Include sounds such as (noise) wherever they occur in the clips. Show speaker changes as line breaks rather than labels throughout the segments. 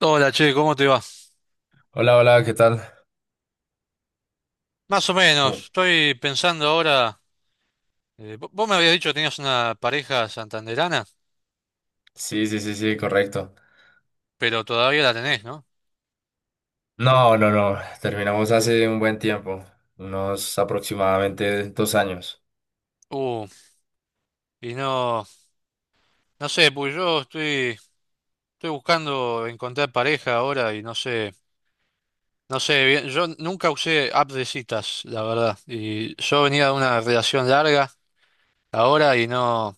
Hola, che, ¿cómo te va?
Hola, hola, ¿qué tal?
Más o
Uh,
menos, estoy pensando ahora. Vos me habías dicho que tenías una pareja santanderana,
sí, sí, sí, sí, correcto.
pero todavía la tenés, ¿no?
No, no, no, terminamos hace un buen tiempo, unos aproximadamente 2 años.
Uh, y no, no sé, pues estoy buscando encontrar pareja ahora y no sé, no sé bien. Yo nunca usé app de citas, la verdad. Y yo venía de una relación larga ahora y no,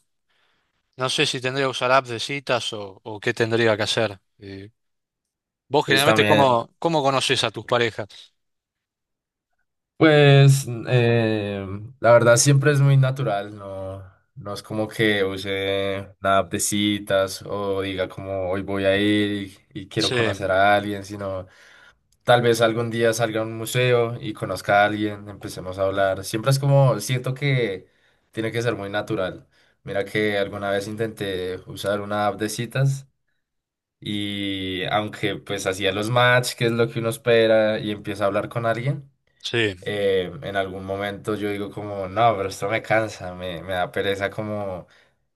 no sé si tendría que usar app de citas o qué tendría que hacer. Vos
Pues
generalmente,
también,
¿ cómo conoces a tus parejas?
pues eh, la verdad siempre es muy natural, no, no es como que use nada de citas o diga como hoy voy a ir y quiero
Sí,
conocer a alguien, sino tal vez algún día salga a un museo y conozca a alguien, empecemos a hablar. Siempre es como, siento que tiene que ser muy natural. Mira que alguna vez intenté usar una app de citas y aunque pues hacía los match, que es lo que uno espera, y empieza a hablar con alguien,
sí.
en algún momento yo digo como, no, pero esto me cansa, me da pereza como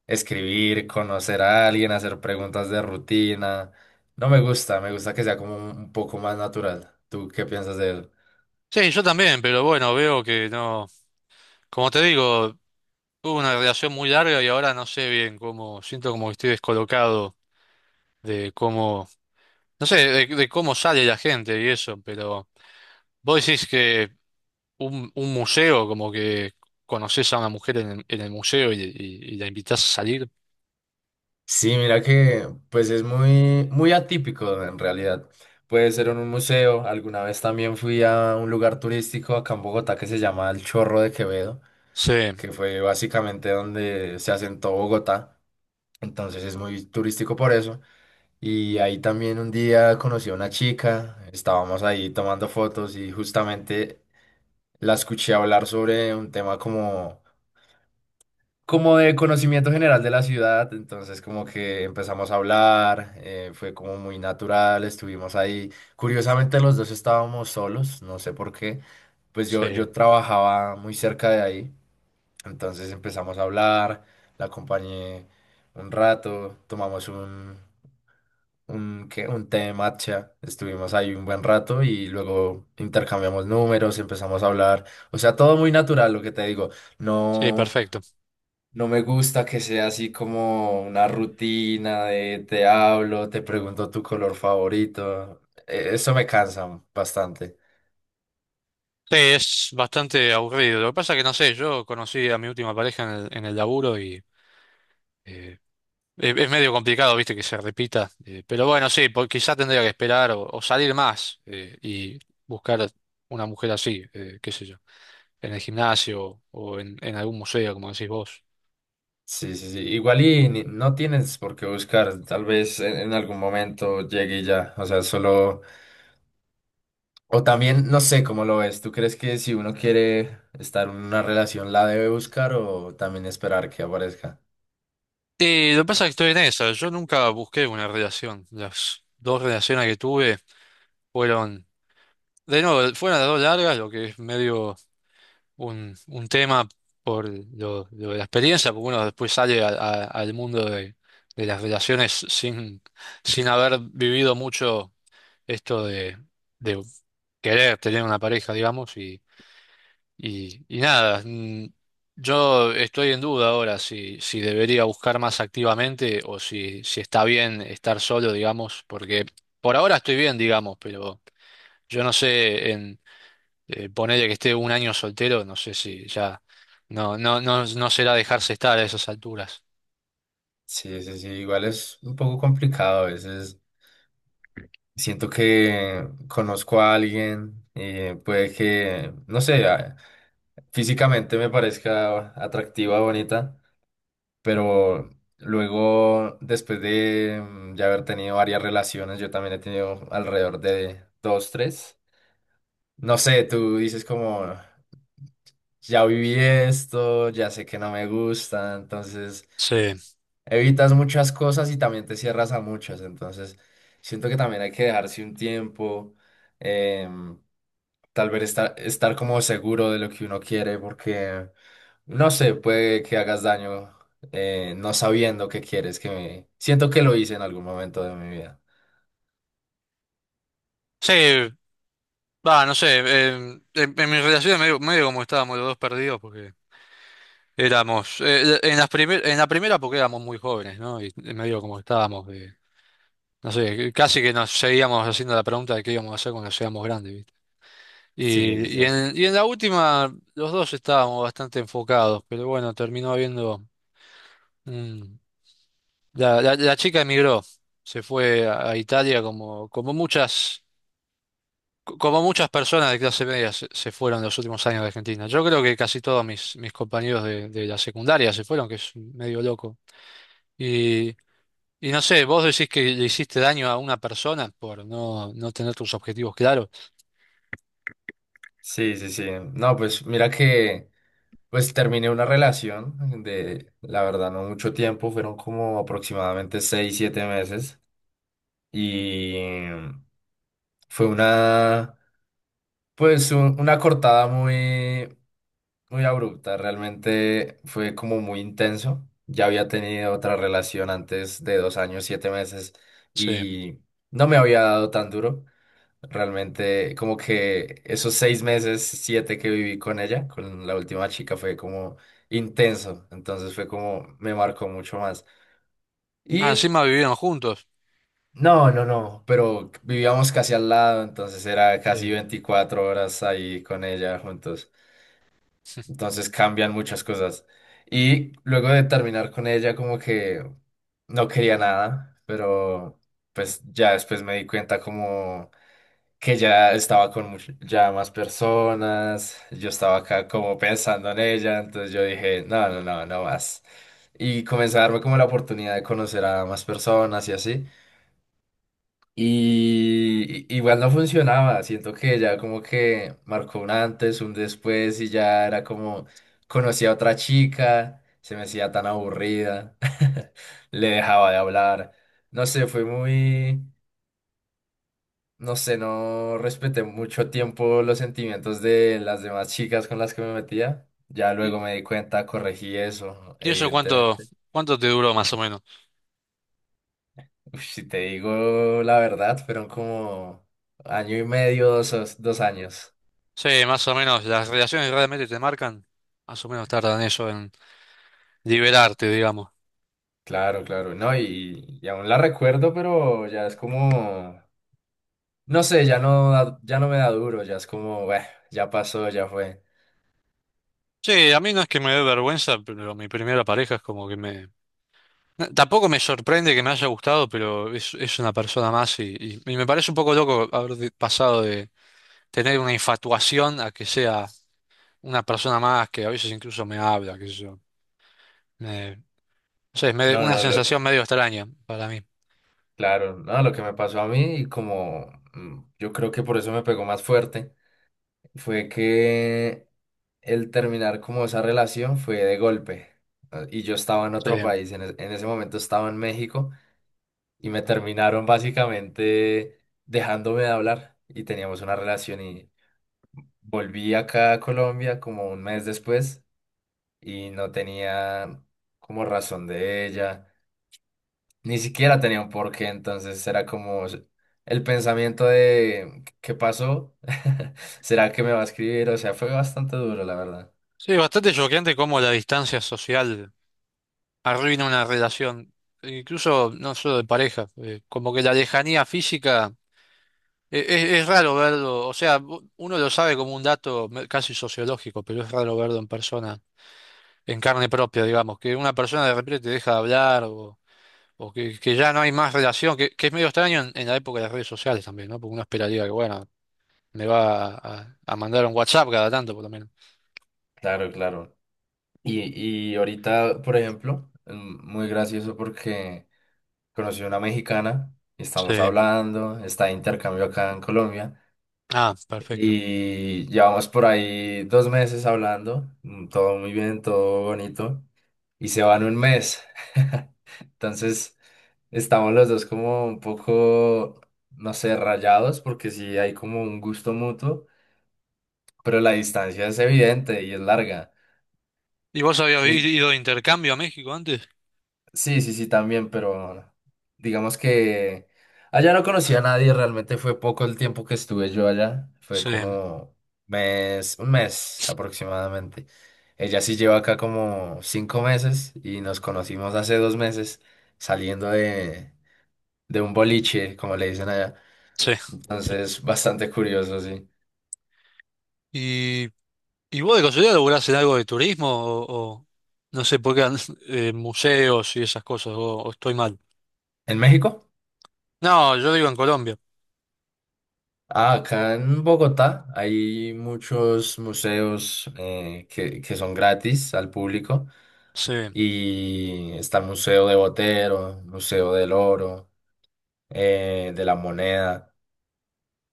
escribir, conocer a alguien, hacer preguntas de rutina. No me gusta, me gusta que sea como un poco más natural. ¿Tú qué piensas de él?
Sí, yo también, pero bueno, veo que no. Como te digo, tuve una relación muy larga y ahora no sé bien cómo. Siento como que estoy descolocado de cómo. No sé, de cómo sale la gente y eso, pero vos decís que un museo, como que conoces a una mujer en en el museo y la invitás a salir.
Sí, mira que pues es muy, muy atípico en realidad. Puede ser en un museo. Alguna vez también fui a un lugar turístico acá en Bogotá que se llama El Chorro de Quevedo,
Sí,
que fue básicamente donde se asentó Bogotá. Entonces es muy turístico por eso. Y ahí también un día conocí a una chica, estábamos ahí tomando fotos y justamente la escuché hablar sobre un tema como de conocimiento general de la ciudad, entonces como que empezamos a hablar, fue como muy natural, estuvimos ahí. Curiosamente los dos estábamos solos, no sé por qué, pues yo
sí,
trabajaba muy cerca de ahí, entonces empezamos a hablar, la acompañé un rato, tomamos ¿qué? Un té de matcha, estuvimos ahí un buen rato y luego intercambiamos números, empezamos a hablar, o sea, todo muy natural, lo que te digo,
sí,
no...
perfecto.
No me gusta que sea así como una rutina de te hablo, te pregunto tu color favorito. Eso me cansa bastante.
Sí, es bastante aburrido. Lo que pasa es que no sé, yo conocí a mi última pareja en en el laburo y. eh, Es medio complicado, viste, que se repita. Pero bueno, sí, quizá tendría que esperar o salir más y buscar una mujer así, qué sé yo, en el gimnasio o en algún museo, como decís vos.
Sí, sí, sí. Igual y no tienes por qué buscar. Tal vez en algún momento llegue y ya. O sea, solo... O también, no sé cómo lo ves. ¿Tú crees que si uno quiere estar en una relación la debe buscar o también esperar que aparezca?
Y lo que pasa es que estoy en esa. Yo nunca busqué una relación. Las dos relaciones que tuve fueron, de nuevo, fueron las dos largas, lo que es medio. Un tema por lo de la experiencia, porque uno después sale al mundo de las relaciones sin, sin haber vivido mucho esto de querer tener una pareja, digamos, y nada, yo estoy en duda ahora si, si debería buscar más activamente o si, si está bien estar solo, digamos, porque por ahora estoy bien, digamos, pero yo no sé ponele que esté un año soltero, no sé si ya no, no, no, no será dejarse estar a esas alturas.
Sí, sí, sí. Igual es un poco complicado a veces. Siento que conozco a alguien y puede que, no sé, físicamente me parezca atractiva, bonita, pero luego, después de ya haber tenido varias relaciones, yo también he tenido alrededor de dos, tres. No sé, tú dices como, ya viví esto, ya sé que no me gusta, entonces
Sí.
evitas muchas cosas y también te cierras a muchas, entonces siento que también hay que dejarse un tiempo. em, Tal vez estar, estar como seguro de lo que uno quiere, porque no sé, puede que hagas daño, no sabiendo qué quieres, que me... Siento que lo hice en algún momento de mi vida.
Sí, va, no sé. En mi relación medio, medio como estábamos los dos perdidos porque éramos, en en la primera, porque éramos muy jóvenes, ¿no? Y medio como estábamos, no sé, casi que nos seguíamos haciendo la pregunta de qué íbamos a hacer cuando seamos grandes, ¿viste?
Sí, sí, sí.
Y en la última los dos estábamos bastante enfocados, pero bueno, terminó habiendo… un, La, la chica emigró, se fue a Italia como, como muchas, como muchas personas de clase media se fueron en los últimos años de Argentina. Yo creo que casi todos mis, mis compañeros de la secundaria se fueron, que es medio loco. Y, y no sé, vos decís que le hiciste daño a una persona por no, no tener tus objetivos claros.
Sí, sí, sí. No, pues mira que pues terminé una relación de, la verdad, no mucho tiempo, fueron como aproximadamente 6, 7 meses y fue una, pues una cortada muy, muy abrupta, realmente fue como muy intenso. Ya había tenido otra relación antes de 2 años, 7 meses
Sí.
y no me había dado tan duro. Realmente como que esos 6 meses, 7 que viví con ella, con la última chica, fue como intenso. Entonces fue como me marcó mucho más.
Ah,
Y
encima vivieron juntos.
no, no, no, pero vivíamos casi al lado, entonces era casi
Sí.
24 horas ahí con ella juntos. Entonces cambian muchas cosas. Y luego de terminar con ella, como que no quería nada, pero pues ya después me di cuenta como que ya estaba con ya más personas, yo estaba acá como pensando en ella, entonces yo dije, no, no, no, no más. Y comencé a darme como la oportunidad de conocer a más personas y así. Igual no funcionaba, siento que ya como que marcó un antes, un después y ya era como conocí a otra chica, se me hacía tan aburrida, (laughs) le dejaba de hablar, no sé, fue muy, no sé, no respeté mucho tiempo los sentimientos de las demás chicas con las que me metía, ya luego
¿Y,
me di cuenta, corregí eso,
y eso cuánto,
evidentemente.
cuánto te duró más o menos?
Uf, si te digo la verdad, fueron como año y medio, dos años.
Sí, más o menos, las relaciones realmente te marcan, más o menos tardan eso en liberarte, digamos.
Claro, claro, no, y aún la recuerdo, pero ya es como, no sé, ya no, ya no me da duro, ya es como, "Bueh, ya pasó, ya fue."
Sí, a mí no es que me dé vergüenza, pero mi primera pareja es como que me… no, tampoco me sorprende que me haya gustado, pero es una persona más y me parece un poco loco haber pasado de tener una infatuación a que sea una persona más que a veces incluso me habla, qué sé yo. Me- no sé, es medio,
No,
una
no,
sensación medio extraña para mí.
claro, no, lo que me pasó a mí, y como yo creo que por eso me pegó más fuerte, fue que el terminar como esa relación fue de golpe. ¿No? Y yo estaba en
Sí,
otro país, en ese momento estaba en México, y me terminaron básicamente dejándome de hablar, y teníamos una relación. Volví acá a Colombia como un mes después y no tenía como razón de ella, ni siquiera tenía un porqué, entonces era como el pensamiento de ¿qué pasó? (laughs) ¿Será que me va a escribir? O sea, fue bastante duro, la verdad.
sí, bastante choqueante cómo la distancia social arruina una relación, incluso no solo de pareja, como que la lejanía física… Es raro verlo, o sea, uno lo sabe como un dato casi sociológico, pero es raro verlo en persona, en carne propia, digamos, que una persona de repente te deja de hablar o que ya no hay más relación, que es medio extraño en la época de las redes sociales también, ¿no? Porque uno esperaría que, bueno, me va mandar un WhatsApp cada tanto, por lo menos.
Claro, claro. Y ahorita, por ejemplo, muy gracioso porque conocí a una mexicana, y estamos
Sí.
hablando, está de intercambio acá en Colombia.
Ah, perfecto.
Y llevamos por ahí 2 meses hablando, todo muy bien, todo bonito, y se van un mes. (laughs) Entonces, estamos los dos como un poco, no sé, rayados, porque sí hay como un gusto mutuo, pero la distancia es evidente y es larga.
¿Y vos habías
Y,
ido de intercambio a México antes?
Sí, sí, sí, también, pero digamos que allá no conocí a nadie, realmente fue poco el tiempo que estuve yo allá, fue
Sí,
como mes, un mes aproximadamente. Ella sí lleva acá como 5 meses y nos conocimos hace 2 meses saliendo de un boliche, como le dicen allá. Entonces, bastante curioso, sí.
sí. ¿Y vos de casualidad laburás en algo de turismo o no sé por qué (laughs) museos y esas cosas o estoy mal?
¿En México?
No, yo digo en Colombia.
Ah, acá en Bogotá hay muchos museos, que son gratis al público.
Sí,
Y está el Museo de Botero, Museo del Oro, de la Moneda.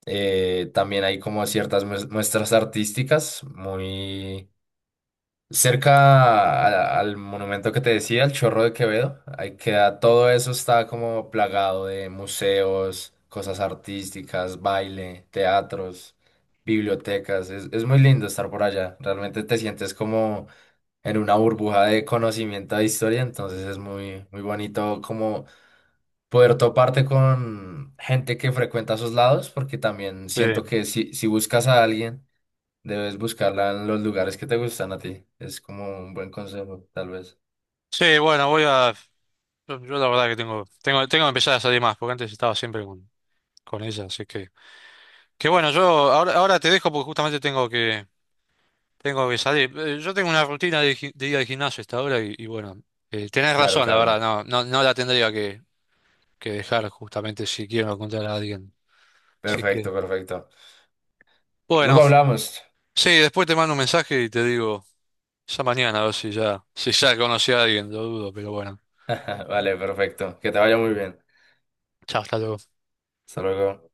También hay como ciertas muestras artísticas muy cerca al monumento que te decía, el Chorro de Quevedo. Ahí queda, todo eso está como plagado de museos, cosas artísticas, baile, teatros, bibliotecas. Es muy lindo estar por allá. Realmente te sientes como en una burbuja de conocimiento de historia, entonces es muy, muy bonito como poder toparte con gente que frecuenta esos lados, porque también siento
sí.
que si, si buscas a alguien, debes buscarla en los lugares que te gustan a ti. Es como un buen consejo, tal vez.
Sí, bueno, voy a yo la verdad que tengo que empezar a salir más porque antes estaba siempre con ella, así que bueno, yo ahora te dejo porque justamente tengo que salir. Yo tengo una rutina de, de ir al gimnasio hasta ahora y bueno, tenés
Claro,
razón, la verdad,
claro.
no la tendría que dejar justamente si quiero encontrar a alguien. Así que
Perfecto, perfecto.
bueno.
Luego hablamos.
Sí, después te mando un mensaje y te digo, ya mañana, a ver si ya, si ya conocí a alguien, lo dudo, pero bueno.
(laughs) Vale, perfecto. Que te vaya muy bien.
Chao, hasta luego.
Hasta luego.